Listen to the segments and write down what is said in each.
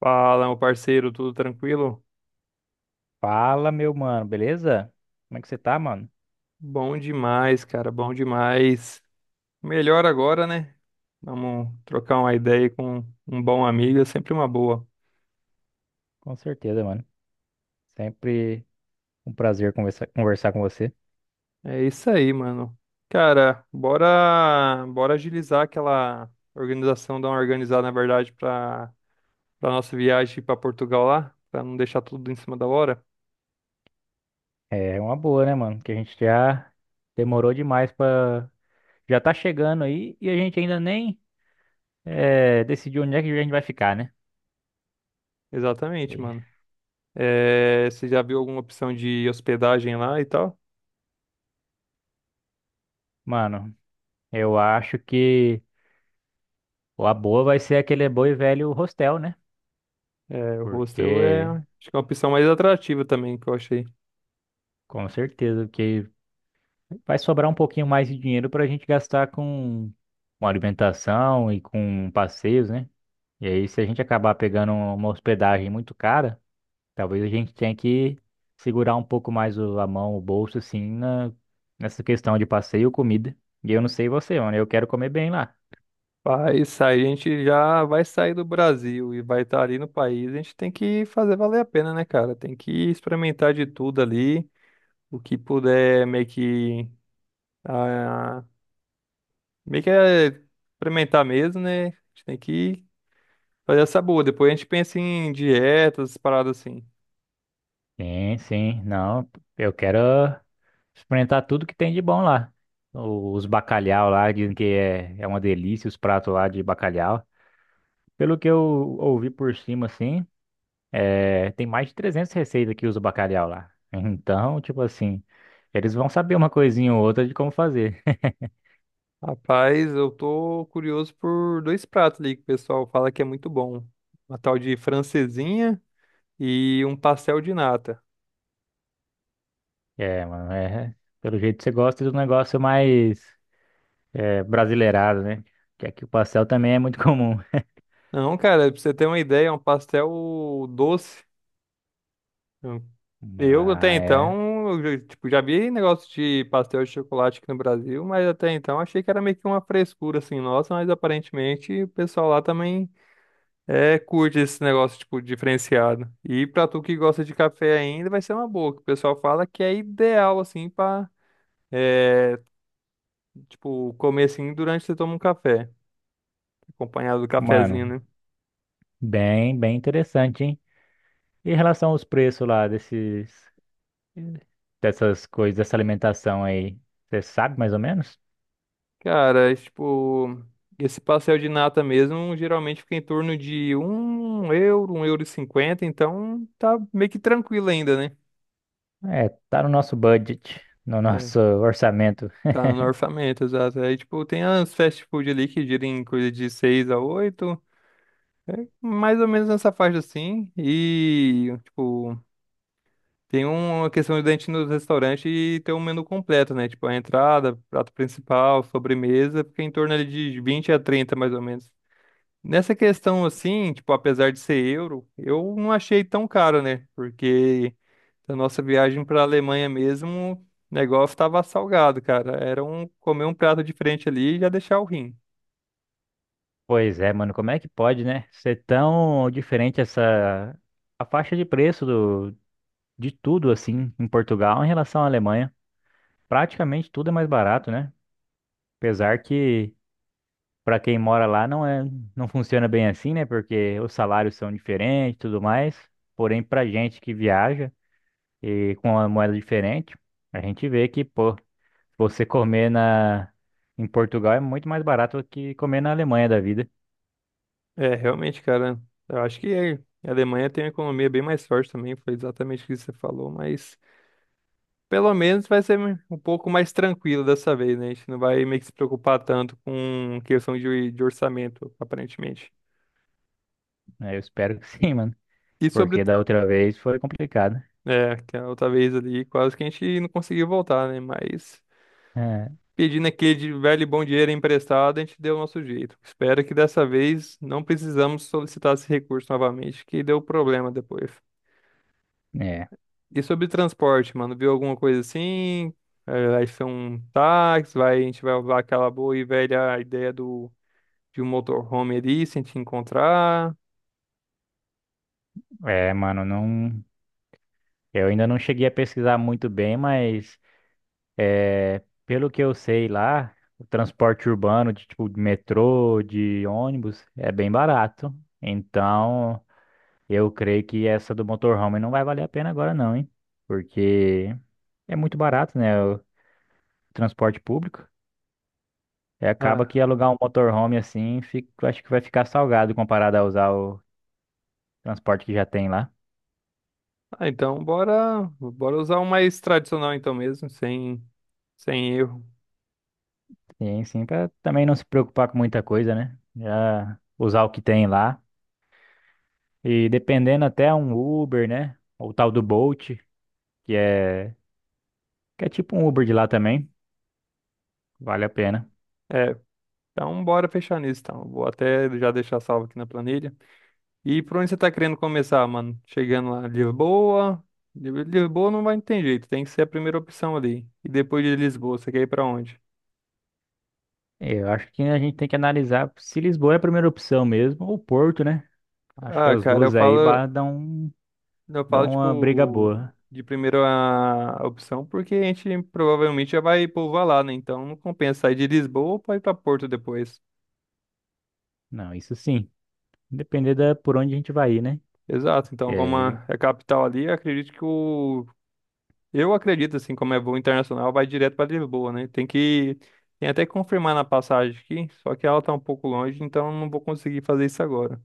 Fala, meu parceiro, tudo tranquilo? Fala, meu mano, beleza? Como é que você tá, mano? Bom demais, cara, bom demais. Melhor agora, né? Vamos trocar uma ideia com um bom amigo, é sempre uma boa. Com certeza, mano. Sempre um prazer conversar com você. É isso aí, mano. Cara, bora agilizar aquela organização, dar uma organizada, na verdade, para nossa viagem para Portugal lá, para não deixar tudo em cima da hora. É uma boa, né, mano? Que a gente já demorou demais pra. Já tá chegando aí e a gente ainda nem decidiu onde é que a gente vai ficar, né? Exatamente, E, mano. É, você já viu alguma opção de hospedagem lá e tal? mano, eu acho que a boa vai ser aquele bom e velho hostel, né? É, o hostel é, Porque, acho que é uma opção mais atrativa também que eu achei. com certeza, que vai sobrar um pouquinho mais de dinheiro para a gente gastar com alimentação e com passeios, né? E aí, se a gente acabar pegando uma hospedagem muito cara, talvez a gente tenha que segurar um pouco mais a mão, o bolso, assim, na, nessa questão de passeio e comida. E eu não sei você, mano, eu quero comer bem lá. Vai sair, a gente já vai sair do Brasil e vai estar ali no país, a gente tem que fazer valer a pena, né, cara? Tem que experimentar de tudo ali, o que puder ah, meio que experimentar mesmo, né? A gente tem que fazer essa boa. Depois a gente pensa em dietas, paradas assim. Sim, sim, não, eu quero experimentar tudo que tem de bom lá. Os bacalhau lá, dizem que é, é uma delícia os pratos lá de bacalhau. Pelo que eu ouvi por cima, assim. É, tem mais de 300 receitas que usa o bacalhau lá. Então, tipo assim, eles vão saber uma coisinha ou outra de como fazer. Rapaz, eu tô curioso por dois pratos ali que o pessoal fala que é muito bom. Uma tal de francesinha e um pastel de nata. É, mano, é, pelo jeito você gosta do negócio mais é, brasileirado, né? Que aqui o pastel também é muito comum. Não, cara, pra você ter uma ideia, é um pastel doce. Mas Eu até é, então, eu, tipo, já vi negócio de pastel de chocolate aqui no Brasil, mas até então achei que era meio que uma frescura assim, nossa, mas aparentemente o pessoal lá também curte esse negócio tipo diferenciado. E pra tu que gosta de café ainda, vai ser uma boa, que o pessoal fala que é ideal assim pra é, tipo comer assim durante que você toma um café, acompanhado do cafezinho, mano, né? Bem interessante, hein? E em relação aos preços lá desses, dessas coisas, dessa alimentação aí, você sabe mais ou menos? Cara, esse pastel de nata mesmo geralmente fica em torno de 1 euro, 1,50 euros, então tá meio que tranquilo ainda, né? É, tá no nosso budget, no É. nosso orçamento. Tá no orçamento, exato. Aí, tipo, tem as fast food ali que giram em coisa de 6 a 8 mais ou menos nessa faixa assim. E, tipo, tem uma questão de a gente ir no restaurante e ter um menu completo, né? Tipo, a entrada, prato principal, sobremesa, fica em torno ali de 20 a 30 mais ou menos. Nessa questão assim, tipo, apesar de ser euro, eu não achei tão caro, né? Porque a nossa viagem para a Alemanha mesmo, o negócio estava salgado, cara. Era um comer um prato diferente ali e já deixar o rim. Pois é, mano, como é que pode, né? Ser tão diferente essa a faixa de preço do de tudo assim em Portugal em relação à Alemanha. Praticamente tudo é mais barato, né? Apesar que para quem mora lá não funciona bem assim, né? Porque os salários são diferentes e tudo mais. Porém, pra gente que viaja e com uma moeda diferente, a gente vê que, pô, você comer na em Portugal é muito mais barato do que comer na Alemanha da vida. É, realmente, cara, eu acho que a Alemanha tem uma economia bem mais forte também, foi exatamente o que você falou, mas pelo menos vai ser um pouco mais tranquilo dessa vez, né? A gente não vai meio que se preocupar tanto com questão de orçamento, aparentemente. Né? Eu espero que sim, mano. E sobre o Porque da outra vez foi complicado. É, que a outra vez ali, quase que a gente não conseguiu voltar, né? Mas É, pedindo aquele de velho e bom dinheiro emprestado, a gente deu o nosso jeito. Espero que dessa vez não precisamos solicitar esse recurso novamente, que deu problema depois. é, E sobre transporte, mano, viu alguma coisa assim? É, vai ser um táxi, vai, a gente vai usar aquela boa e velha ideia de um motorhome ali, sem te encontrar. Mano, não. Eu ainda não cheguei a pesquisar muito bem, mas é, pelo que eu sei lá, o transporte urbano de tipo de metrô, de ônibus, é bem barato. Então, eu creio que essa do motorhome não vai valer a pena agora não, hein? Porque é muito barato, né? O transporte público. E acaba que Ah, alugar um motorhome assim, acho que vai ficar salgado comparado a usar o transporte que já tem lá. ah, então bora usar o mais tradicional então mesmo, sem erro. Sim, sim, para também não se preocupar com muita coisa, né? Já usar o que tem lá. E dependendo até um Uber, né? Ou o tal do Bolt, que é, que é tipo um Uber de lá também, vale a pena. é Então, bora fechar nisso, então. Vou até já deixar salvo aqui na planilha. E por onde você tá querendo começar, mano? Chegando lá, Lisboa. Lisboa não vai ter jeito, tem que ser a primeira opção ali. E depois de Lisboa, você quer ir pra onde? Eu acho que a gente tem que analisar se Lisboa é a primeira opção mesmo, ou Porto, né? Acho que Ah, as cara, eu duas falo, dão, eu falo, dão uma briga tipo, boa. de primeira opção, porque a gente provavelmente já vai povoar lá, né? Então não compensa sair de Lisboa pra ir pra Porto depois. Não, isso sim. Depender da, por onde a gente vai ir, né? Exato, então como É, é a capital ali, eu acredito que o Eu acredito, assim, como é voo internacional, vai direto para Lisboa, né? Tem que. Tem até que confirmar na passagem aqui, só que ela tá um pouco longe, então não vou conseguir fazer isso agora.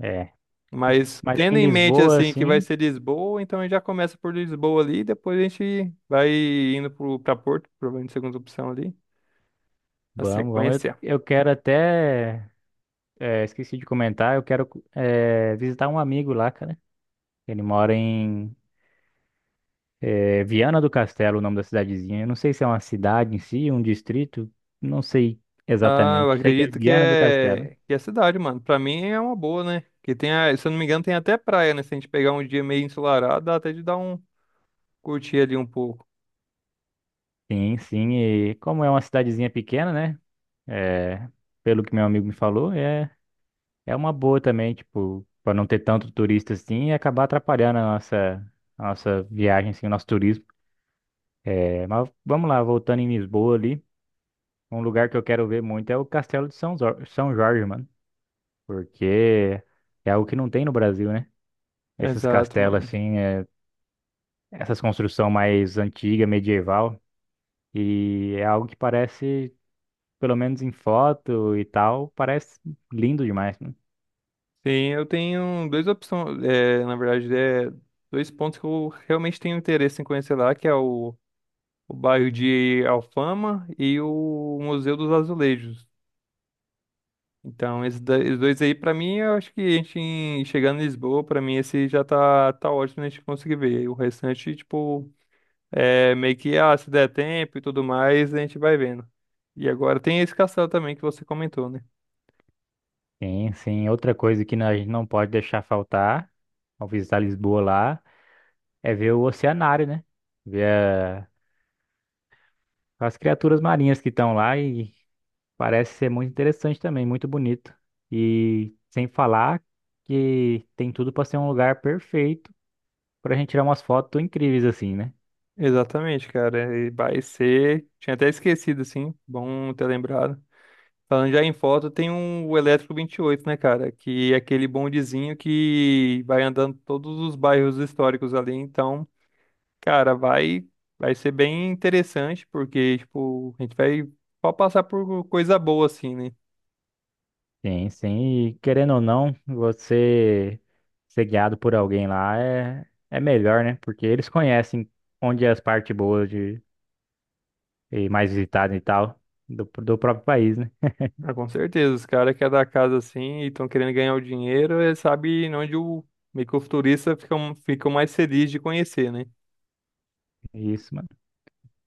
é. Mas Mas tendo em em mente, Lisboa, assim, que vai assim, ser Lisboa, então a gente já começa por Lisboa ali, depois a gente vai indo pra Porto, provavelmente segunda opção ali, a vamos, vamos. Sequência. Eu quero até. É, esqueci de comentar, eu quero é, visitar um amigo lá, cara. Ele mora em é, Viana do Castelo, o nome da cidadezinha. Eu não sei se é uma cidade em si, um distrito, não sei Ah, eu exatamente. Sei que é acredito Viana do Castelo. Que é cidade, mano. Pra mim é uma boa, né? Que tem a, se eu não me engano, tem até praia, né? Se a gente pegar um dia meio ensolarado, dá até de dar um curtir ali um pouco. Sim, sim, e como é uma cidadezinha pequena, né? É, pelo que meu amigo me falou, é, é uma boa também, tipo, para não ter tanto turista assim e acabar atrapalhando a nossa viagem, assim, o nosso turismo. É, mas vamos lá, voltando em Lisboa ali. Um lugar que eu quero ver muito é o Castelo de São, São Jorge, mano. Porque é algo que não tem no Brasil, né? Esses Exato, castelos, mano. assim, é- essas construções mais antiga, medieval. E é algo que parece, pelo menos em foto e tal, parece lindo demais, mano. Sim, eu tenho duas opções, é, na verdade, é, dois pontos que eu realmente tenho interesse em conhecer lá, que é o bairro de Alfama e o Museu dos Azulejos. Então, esses, esses dois aí, pra mim, eu acho que a gente, chegando em Lisboa, pra mim, esse já tá, tá ótimo a gente conseguir ver. E o restante, tipo, é meio que, ah, se der tempo e tudo mais, a gente vai vendo. E agora tem esse castelo também que você comentou, né? Sim, sim. Outra coisa que a gente não pode deixar faltar ao visitar Lisboa lá é ver o oceanário, né? Ver a- as criaturas marinhas que estão lá e parece ser muito interessante também, muito bonito. E sem falar que tem tudo para ser um lugar perfeito para a gente tirar umas fotos incríveis assim, né? Exatamente, cara. E vai ser. Tinha até esquecido, assim. Bom ter lembrado. Falando já em foto, tem o Elétrico 28, né, cara? Que é aquele bondezinho que vai andando todos os bairros históricos ali. Então, cara, vai ser bem interessante, porque, tipo, a gente vai só passar por coisa boa, assim, né? Sim, sim. E querendo ou não, você ser guiado por alguém lá é, é melhor, né? Porque eles conhecem onde é as partes boas de, e mais visitadas e tal do, do próprio país, né? Ah, com certeza. Os caras que é da casa, assim, e estão querendo ganhar o dinheiro, sabe onde o meio que o futurista fica, fica mais feliz de conhecer, né? Isso, mano.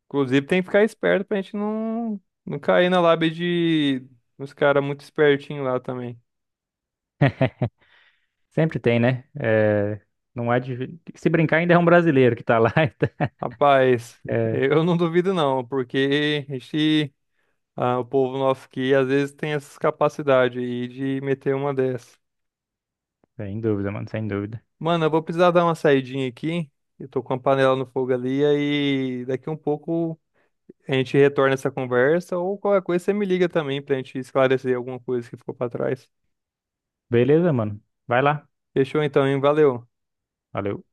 Inclusive, tem que ficar esperto pra gente não cair na lábia de uns caras muito espertinhos lá também. Sempre tem, né? É, não é de, se brincar, ainda é um brasileiro que tá lá. Então, Rapaz, é, eu não duvido não, porque o povo nosso aqui às vezes tem essas capacidades aí de meter uma dessa. sem dúvida, mano, sem dúvida. Mano, eu vou precisar dar uma saidinha aqui. Eu tô com a panela no fogo ali, aí daqui um pouco a gente retorna essa conversa ou qualquer coisa você me liga também pra gente esclarecer alguma coisa que ficou pra trás. Beleza, mano. Vai lá. Fechou então, hein? Valeu. Valeu.